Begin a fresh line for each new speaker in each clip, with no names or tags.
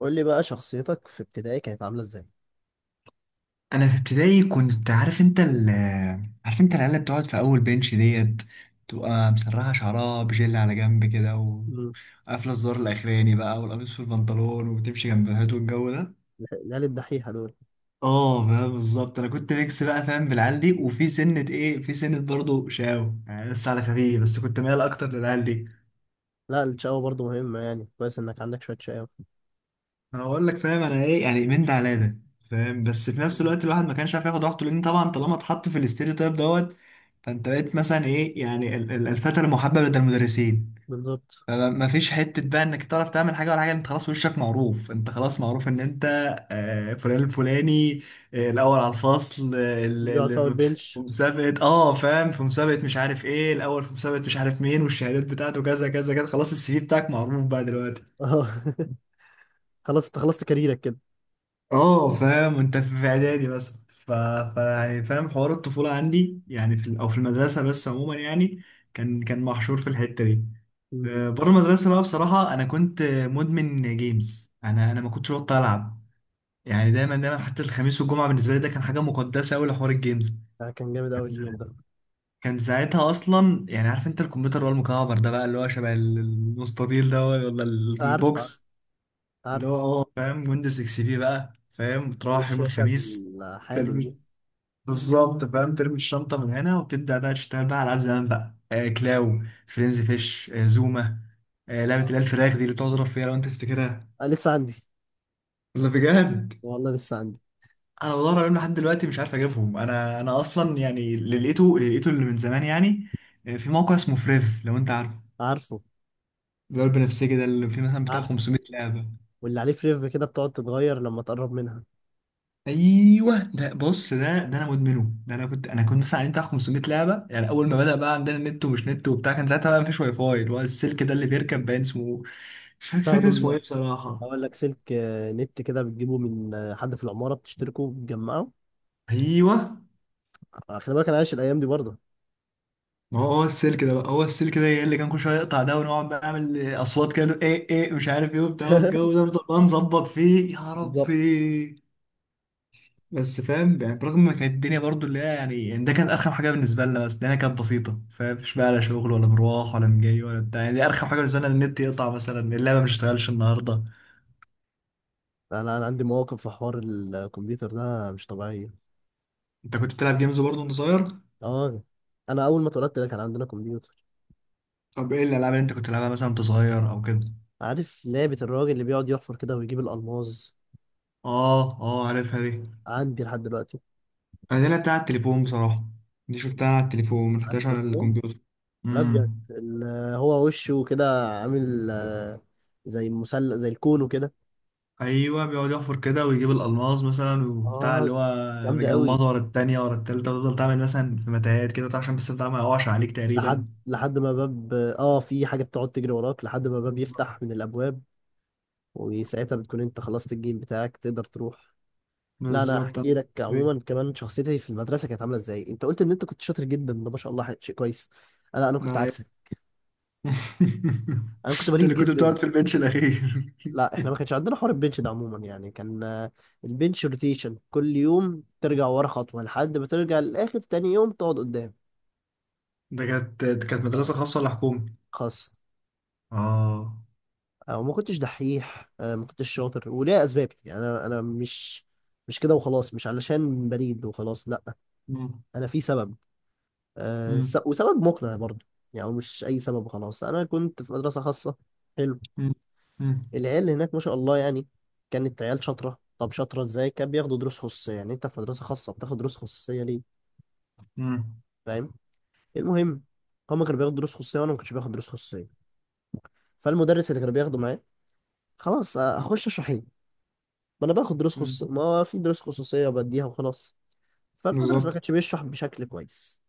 قول لي بقى شخصيتك في ابتدائي كانت عاملة ازاي؟
انا في ابتدائي كنت عارف انت ال- عارف انت العيال اللي بتقعد في اول بنش ديت، تبقى مسرحه شعرها بجل على جنب كده
مم.
وقافله الزر الاخراني بقى والقميص في البنطلون وبتمشي جنب الهات والجو ده.
العيال الدحيحة دول.
اه فاهم بالظبط، انا كنت ميكس بقى فاهم بالعيال دي، وفي سنه ايه، في سنه برضه شاو يعني لسه على خفيف، بس كنت مايل اكتر للعيال دي.
لا، الشقاوة برضو مهمة، يعني كويس انك عندك شوية شقاوة.
انا بقول لك فاهم انا ايه يعني، من ده على ده. فاهم بس في نفس
مم.
الوقت الواحد ما كانش عارف ياخد راحته، لان طبعا طالما اتحط في الاستيريو تايب دوت، فانت بقيت مثلا ايه يعني ال- ال- الفتى المحبب لدى المدرسين.
بالظبط.
ما فيش حته بقى انك تعرف تعمل حاجه ولا حاجه، انت خلاص وشك معروف، انت خلاص معروف ان انت آه، فلان الفلاني، آه، الاول على الفصل، آه، ال-
اللي بيقعد في اول
ال- في
بنش.
مسابقة، اه فاهم، في مسابقة مش عارف ايه الاول، في مسابقة مش عارف مين، والشهادات بتاعته كذا كذا كذا، خلاص السي في بتاعك معروف بقى دلوقتي.
اه. خلاص انت خلصت كاريرك كده.
اه فاهم، انت في اعدادي مثلا ف... ف يعني فاهم حوار الطفوله عندي يعني في ال... او في المدرسه، بس عموما يعني كان محشور في الحته دي.
مم.
آه، بره المدرسه بقى، بصراحه انا كنت مدمن جيمز، انا ما كنتش بطل العب. يعني دايما حتى الخميس والجمعه بالنسبه لي ده كان حاجه مقدسه قوي لحوار الجيمز.
آه، كان جامد
كان
اوي
سا-
اليوم ده.
كان ساعتها اصلا يعني، عارف انت الكمبيوتر اللي هو المكعب ده بقى، اللي هو شبه ال- المستطيل ده، ولا ال-
عارف، عارف،
البوكس اللي هو
عارف.
اه فاهم، ويندوز اكس بي بقى فاهم، تروح يوم
والشاشة
الخميس
الحامل دي؟
بالظبط فاهم، ترمي الشنطة من هنا وتبدأ بقى تشتغل بقى على ألعاب زمان بقى، آه كلاو فرينزي فيش، آه زوما، آه لعبة اللي هي الفراخ دي اللي بتقعد تضرب فيها، لو أنت تفتكرها.
آه، لسه عندي.
ولا بجد؟
والله لسه عندي.
أنا بدور عليهم لحد دلوقتي مش عارف أجيبهم. أنا أصلا يعني اللي لقيته اللي من زمان يعني. آه، في موقع اسمه فريف لو أنت عارفه،
عارفه،
ده البنفسجي ده، اللي فيه مثلا بتاع
عارفه.
500 لعبة.
واللي عليه فريف كده بتقعد تتغير لما تقرب منها.
ايوه ده، بص ده، ده انا مدمنه، ده انا كنت، انا كنت مثلا عليه بتاع 500 لعبه. يعني اول ما بدا بقى عندنا نت ومش نت وبتاع، كان ساعتها بقى مفيش واي فاي، اللي هو السلك ده اللي بيركب باين اسمه مش فاكر، فاكر
تاخده
اسمه
من.
ايه بصراحه.
اقول لك سلك، نت كده، بتجيبه من حد في العمارة، بتشتركه بتجمعه.
ايوه،
خلي بالك انا عايش الايام دي برضه.
ما هو هو السلك ده بقى هو السلك ده اللي كان كل شويه يقطع ده، ونقعد بقى نعمل اصوات كده، نقول ايه ايه مش عارف ايه وبتاع، والجو ده بنفضل بقى نظبط فيه يا
بالظبط.
ربي. بس فاهم يعني، برغم ما كانت الدنيا برضو اللي هي يعني، يعني ده كانت ارخم حاجه بالنسبه لنا، بس الدنيا كانت بسيطه فاهم، مش بقى لا شغل ولا مروح ولا مجاي ولا بتاع، يعني دي ارخم حاجه بالنسبه لنا إن النت يقطع مثلا، اللعبه مش شغالش النهارده.
انا عندي مواقف في حوار الكمبيوتر ده مش طبيعيه.
انت كنت بتلعب جيمز برضو وانت صغير؟
اه، انا اول ما اتولدت لك كان عندنا كمبيوتر.
طب ايه الالعاب اللي انت كنت بتلعبها مثلا وانت صغير او كده؟
عارف لعبه الراجل اللي بيقعد يحفر كده ويجيب الالماظ؟
اه اه عارفها دي.
عندي لحد دلوقتي.
انا دي لعبتها على التليفون بصراحه، دي شفتها على التليفون ما
على
لعبتهاش على
التليفون.
الكمبيوتر.
لا بجد، هو وشه كده عامل، زي مسلة، زي الكون، وكده.
ايوه بيقعد يحفر كده ويجيب الالماس مثلا وبتاع
اه،
اللي هو،
جامده قوي.
مجمده ورا التانية ورا التالتة، وتفضل تعمل مثلا في متاهات كده بتاع، عشان بس بتاع ما يقعش عليك تقريبا.
لحد ما باب، في حاجه بتقعد تجري وراك لحد ما باب
بالظبط،
يفتح من الابواب. وساعتها بتكون انت خلصت الجيم بتاعك، تقدر تروح. لا، انا
بالظبط،
احكي
انا
لك
ده
عموما كمان. شخصيتي في المدرسه كانت عامله ازاي؟ انت قلت ان انت كنت شاطر جدا، ده ما شاء الله، شيء كويس. لا، انا كنت
حقيقي.
عكسك. انا كنت
انت
بليد
اللي كنت
جدا.
بتقعد في البنش الاخير؟
لا، احنا ما كانش عندنا حوار البنش ده عموما، يعني كان. البنش روتيشن، كل يوم ترجع ورا خطوه، لحد ما ترجع للاخر، تاني يوم تقعد قدام.
ده كانت، ده كانت
آه.
مدرسة خاصة ولا حكومي؟
خاص.
اه.
وما كنتش دحيح، ما كنتش شاطر، وليا اسبابي يعني. انا مش. مش كده وخلاص، مش علشان بليد وخلاص، لا.
مم.
انا في سبب،
مم.
وسبب مقنع برضه. يعني هو مش أي سبب خلاص. أنا كنت في مدرسة خاصة. حلو.
مم. مم.
العيال هناك ما شاء الله يعني. كانت عيال شاطرة. طب شاطرة إزاي؟ كان بياخدوا دروس خصوصية. يعني أنت في مدرسة خاصة بتاخد دروس خصوصية ليه؟
مم.
فاهم. المهم، هما كانوا بياخدوا دروس خصوصية وأنا ما كنتش باخد دروس خصوصية. فالمدرس اللي كان بياخده معايا، خلاص، هخش أشرح إيه؟ ما أنا باخد دروس
مم.
خصوصية. ما هو في دروس خصوصية، بديها وخلاص. فالمدرس ما
بالظبط.
كانش بيشرح بشكل كويس.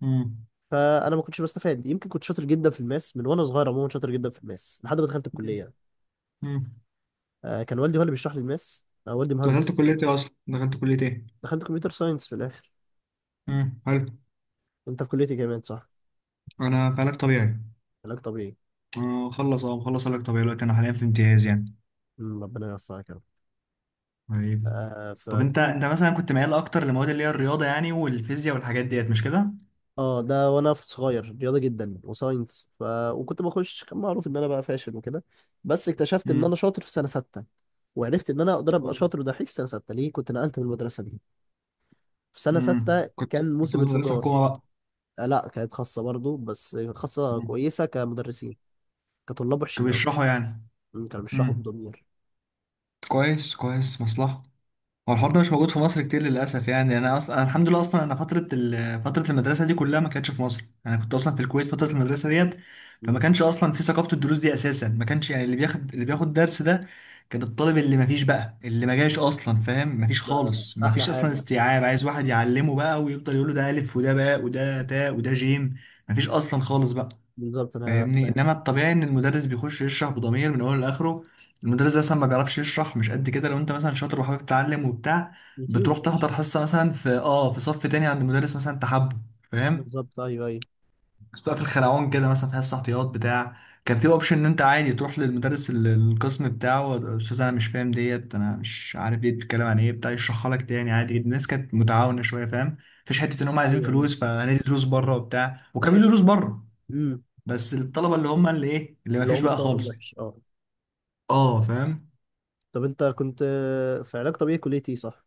مم.
فانا ما كنتش بستفاد. يمكن كنت شاطر جدا في الماس من وانا صغير، عموما شاطر جدا في الماس لحد ما دخلت الكليه.
مم.
كان والدي هو اللي بيشرح لي الماس، والدي مهندس
دخلت
أصلاً.
كلية ايه اصلا؟ دخلت كلية ايه؟
دخلت كمبيوتر ساينس في الاخر.
مم. حلو.
انت في كليه إيه كمان، صح؟
انا في علاج طبيعي.
علاج طبيعي.
آه، مخلص، اه مخلص علاج طبيعي دلوقتي، انا حاليا في امتياز يعني.
مم. ربنا يوفقك يا رب.
طيب. طب انت،
فكنت.
انت مثلا كنت ميال اكتر لمواد اللي هي الرياضه يعني والفيزياء والحاجات ديت، مش كده؟
اه، ده وانا في صغير رياضه جدا وساينس ف. وكنت بخش، كان معروف ان انا بقى فاشل وكده. بس اكتشفت ان
امم.
انا شاطر في سنه سته. وعرفت ان انا اقدر ابقى شاطر ودحيح في سنه سته. ليه كنت نقلت من المدرسه دي؟ في سنه سته
كنت
كان
في
موسم
مدرسه
انفجار.
حكومه بقى؟
آه لا، كانت خاصه برضو، بس خاصه
مم.
كويسه كمدرسين. كطلاب وحشين
كانوا
قوي.
بيشرحوا يعني؟
مم. كانوا بيشرحوا
امم.
بضمير.
كويس كويس، مصلحه. هو الحوار ده مش موجود في مصر كتير للاسف يعني، انا اصلا أنا الحمد لله اصلا انا فتره ال... فتره المدرسه دي كلها ما كانتش في مصر، انا كنت اصلا في الكويت فتره المدرسه ديت. فما
مم.
كانش اصلا في ثقافه الدروس دي اساسا، ما كانش يعني، اللي بياخد، اللي بياخد درس ده كان الطالب اللي ما فيش بقى، اللي ما جاش اصلا فاهم، ما فيش
ده
خالص، ما
احلى
فيش اصلا
حاجه.
استيعاب، عايز واحد يعلمه بقى ويفضل يقول له ده الف وده باء وده تاء وده جيم. ما فيش اصلا خالص بقى.
بالظبط، انا
فاهمني؟
فاهم.
انما الطبيعي ان المدرس بيخش يشرح بضمير من اوله لاخره. المدرس ده اصلا ما بيعرفش يشرح، مش قد كده. لو انت مثلا شاطر وحابب تتعلم وبتاع،
يوتيوب يا
بتروح
باشا.
تحضر حصه مثلا في اه في صف تاني عند مدرس مثلا تحبه. فاهم؟
بالظبط، ايوه، ايوه.
بس بقى في الخلعون كده مثلا، في حصه احتياط بتاع، كان في اوبشن ان انت عادي تروح للمدرس ال- القسم بتاعه، استاذ انا مش فاهم ديت، انا مش عارف دي بتتكلم عن ايه بتاع، يشرحها لك تاني عادي جدا. الناس كانت متعاونه شويه فاهم، مفيش حته ان هم عايزين
ايوه، ايوه.
فلوس فهندي دروس بره وبتاع،
في
وكان في
حته.
دروس بره،
امم.
بس الطلبه اللي هم اللي ايه، اللي ما
اللي هو
فيش بقى
مستوى
خالص.
وحش، اه.
اه فاهم.
طب انت كنت في علاج طبيعي، كليه ايه صح؟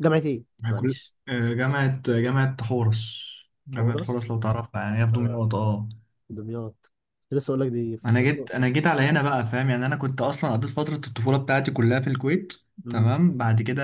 جامعه ايه؟
كل
معلش.
آه، جامعه، جامعه حورس. جامعه
حورس.
حورس لو تعرفها، يعني هي في
آه،
دمياط اه.
دمياط. كنت لسه اقول لك دي في
انا جيت انا
الاقصر.
جيت على هنا بقى فاهم، يعني انا كنت اصلا قضيت فتره الطفوله بتاعتي كلها في الكويت.
امم.
تمام، بعد كده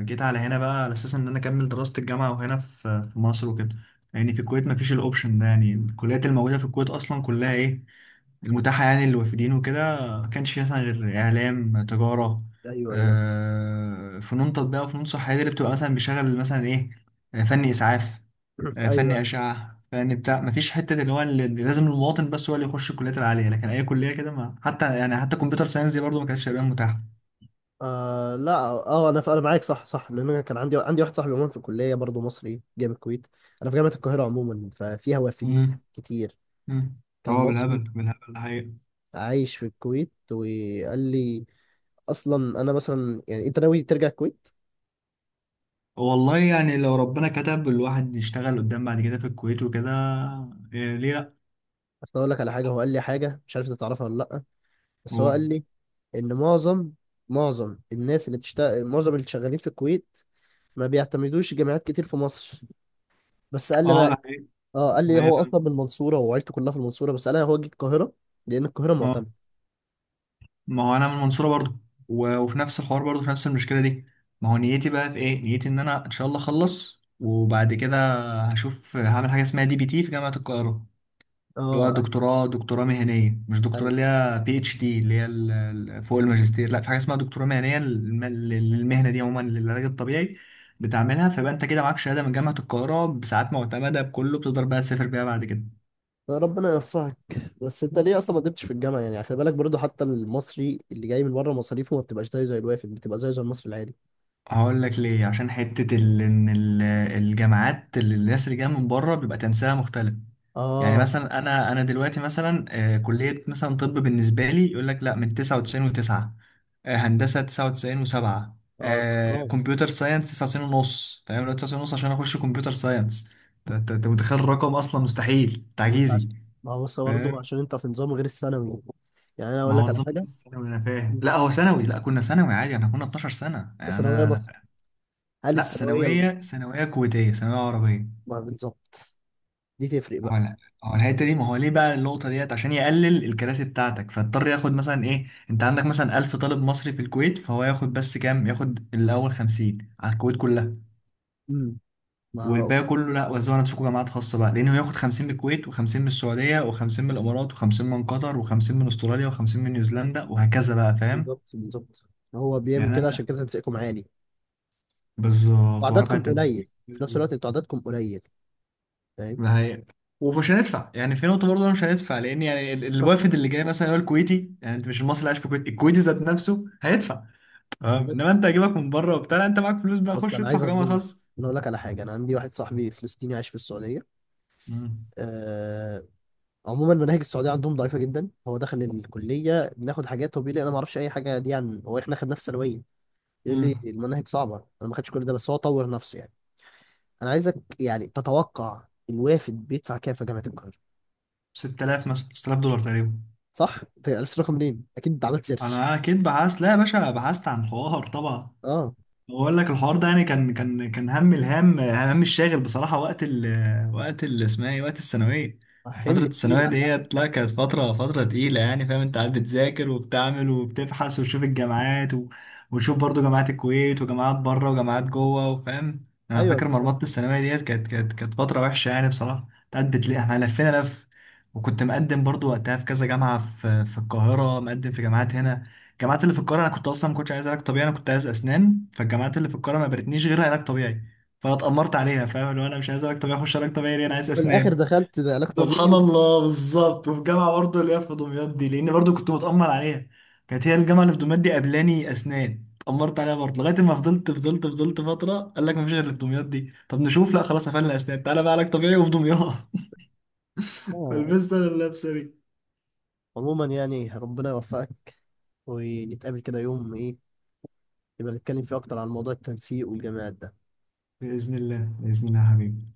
جيت على هنا بقى، على اساس ان انا اكمل دراسه الجامعه وهنا في في مصر وكده. يعني في الكويت ما فيش الاوبشن ده، يعني الكليات الموجوده في الكويت اصلا كلها ايه، المتاحة يعني للوافدين وكده، ما كانش فيها مثلا غير إعلام، تجارة،
ايوه، ايوه.
آه، فنون تطبيق، وفنون صحية دي اللي بتبقى مثلا بيشغل مثلا إيه، آه، فن إسعاف، آه، فن
ايوه، ايوه.
أشعة، فن بتاع. ما فيش حتة اللي هو اللي لازم المواطن بس هو اللي يخش الكليات العالية، لكن أي كلية كده ما حتى يعني، حتى كمبيوتر ساينس دي برضه ما كانتش تقريبا متاحة.
آه لا، انا معاك، صح، صح. لان انا كان عندي واحد صاحبي، عموما في الكليه برضه، مصري جاي من الكويت. انا في جامعه القاهره، عموما ففيها وافدين
مم.
كتير.
مم.
كان
اه
مصري
بالهبل بالهبل الحقيقة.
عايش في الكويت، وقال لي، اصلا انا مثلا، يعني انت ناوي ترجع الكويت؟
والله يعني لو ربنا كتب الواحد يشتغل قدام بعد كده في الكويت وكده، إيه ليه لأ.
اصل اقول لك على حاجه. هو قال لي حاجه، مش عارف انت تعرفها ولا لا. بس هو
هو
قال لي ان معظم اللي شغالين في الكويت ما بيعتمدوش جامعات كتير في مصر. بس قال لي
اه،
انا،
ده حقيقي،
اه، قال
ده
لي
حقيقي
هو
فعلا.
اصلا من المنصوره وعيلته كلها في المنصوره، بس قال لي هو جه القاهره لان القاهره
اه،
معتمده.
ما هو انا من المنصوره برضو، و- وفي نفس الحوار برضو في نفس المشكله دي. ما هو نيتي بقى في ايه، نيتي ان انا ان شاء الله اخلص وبعد كده هشوف هعمل حاجه اسمها دي بي تي في جامعه القاهره. اللي هو
اه، ايوه،
دكتوراه، دكتوراه مهنيه، مش دكتوراه
ايوه.
اللي هي بي اتش دي اللي هي ال- ال- فوق الماجستير، لا في حاجه اسمها دكتوراه مهنيه للم- للمهنه دي عموما، للعلاج الطبيعي. بتعملها، فيبقى انت كده معاك شهاده من جامعه القاهره بساعات معتمده بكله، بتقدر بقى تسافر بيها بعد كده.
ربنا يوفقك. بس انت ليه اصلا ما قدمتش في الجامعه؟ يعني خلي بالك برضه، حتى المصري اللي جاي من بره مصاريفه ما بتبقاش زيه زي الوافد، بتبقى زيه زي المصري العادي.
هقول لك ليه، عشان حتة ال... إن ال- الجامعات اللي الناس اللي جاية من بره بيبقى تنسيقها مختلف. يعني
اه،
مثلا أنا دلوقتي مثلا آه، كلية مثلا طب بالنسبة لي يقول لك لا، من 99 و9، هندسة 99 و7،
اه، الارقام.
كمبيوتر ساينس 99 ونص تمام، لو 99 ونص عشان أخش كمبيوتر ساينس. أنت، أنت- أنت متخيل الرقم، أصلا مستحيل
انت
تعجيزي.
عشان. ما هو بص برضه،
فاهم.
عشان انت في نظام غير الثانوي. يعني انا
ما
اقول لك
هو
على
نظام
حاجه.
ثانوي أنا فاهم، لا
انت
هو ثانوي، لا كنا ثانوي عادي، احنا كنا 12 سنة يعني
ثانويه مصر؟
أنا.
هل
لا
الثانويه
ثانوية، ثانوية كويتية، ثانوية عربية.
ما بالظبط، دي تفرق
هو
بقى.
لا، هو الحتة دي، ما هو ليه بقى النقطة ديت، عشان يقلل الكراسي بتاعتك، فاضطر ياخد مثلا ايه، انت عندك مثلا 1000 طالب مصري في الكويت، فهو ياخد بس كام، ياخد الأول 50 على الكويت كلها،
امم. ما هو.
والباقي كله لا وزعوا على نفسكم جامعات خاصة بقى. لأنه ياخد 50 من الكويت، و50 من السعودية، و50 من الإمارات، و50 من قطر، و50 من أستراليا، و50 من نيوزيلندا، وهكذا بقى فاهم.
بالظبط، بالظبط. هو بيعمل
يعني
كده عشان
أنا
كده تنسيقكم عالي.
بالظبط، ورا فيها
وعددكم
التنسيق
قليل في نفس الوقت، انتوا عددكم قليل. فاهم.
ده هي. ومش هندفع يعني، في نقطة برضه أنا مش هندفع، لأن يعني ال-
بالظبط،
الوافد اللي جاي مثلا هو الكويتي، يعني أنت مش المصري اللي عايش في الكويت، الكويتي ذات نفسه هيدفع. تمام، إنما
بالظبط.
أنت هجيبك من بره وبتاع، لا، أنت معاك فلوس بقى،
بص،
خش
انا
ادفع
عايز
في جامعة
اصدمك.
خاصة.
انا اقول لك على حاجه، انا عندي واحد صاحبي فلسطيني عايش في السعوديه.
امم.
آه، عموما مناهج السعوديه عندهم ضعيفه جدا، هو دخل الكليه بناخد حاجات هو بيقول لي انا ما اعرفش اي حاجه دي، عن هو احنا خدناه في ثانويه. يقول لي
امم.
المناهج صعبه. انا ما خدتش كل ده، بس هو طور نفسه يعني. انا عايزك يعني تتوقع الوافد بيدفع كام في جامعه القاهره.
6000 مثلا، 6000 دولار تقريبا.
صح، انت عرفت الرقم منين؟ اكيد انت عملت سيرش.
أنا أكيد بحثت، لا يا باشا بحثت عن حوار طبعا.
اه.
بقول لك الحوار ده يعني، كان هم الهام، هم الشاغل بصراحة وقت ال، وقت ال اسمها ايه، وقت الثانوية.
حمل
فترة
تقيل
الثانوية
على الأهل.
ديت، لا كانت فترة، فترة تقيلة يعني فاهم، انت قاعد بتذاكر وبتعمل وبتبحث وتشوف الجامعات و... وتشوف برضو جامعات الكويت وجامعات بره وجامعات جوه وفاهم. انا
ايوه،
فاكر
بالظبط.
مرمطة الثانوية ديت، كانت فترة وحشة يعني بصراحة، كنت قاعد بتلاقي احنا لفينا لف. وكنت مقدم برضو وقتها في كذا جامعة في في القاهرة، مقدم في جامعات هنا. الجامعات اللي في القاهره، انا كنت اصلا ما كنتش عايز علاج طبيعي، انا كنت عايز اسنان، فالجامعات اللي في القاهره ما برتنيش غير علاج طبيعي، فانا اتامرت عليها فاهم، اللي هو انا مش عايز علاج طبيعي، اخش علاج طبيعي ليه، انا عايز
في الاخر
اسنان.
دخلت ده علاج
سبحان
طبيعي.
الله بالظبط. وفي جامعه برضه اللي هي في دمياط دي، لان برضه كنت متامر عليها، كانت هي الجامعه اللي في دمياط دي قبلاني اسنان، اتامرت عليها برضه، لغايه ما فضلت فتره، قال لك ما فيش غير اللي في دمياط دي، طب نشوف، لا خلاص قفلنا اسنان، تعالى بقى علاج طبيعي وفي دمياط.
آه.
فلبست انا اللبسه دي.
عموما يعني ربنا يوفقك. ونتقابل كده يوم ايه، يبقى نتكلم فيه اكتر عن موضوع التنسيق والجامعات ده.
باذن الله، باذن الله يا حبيبي.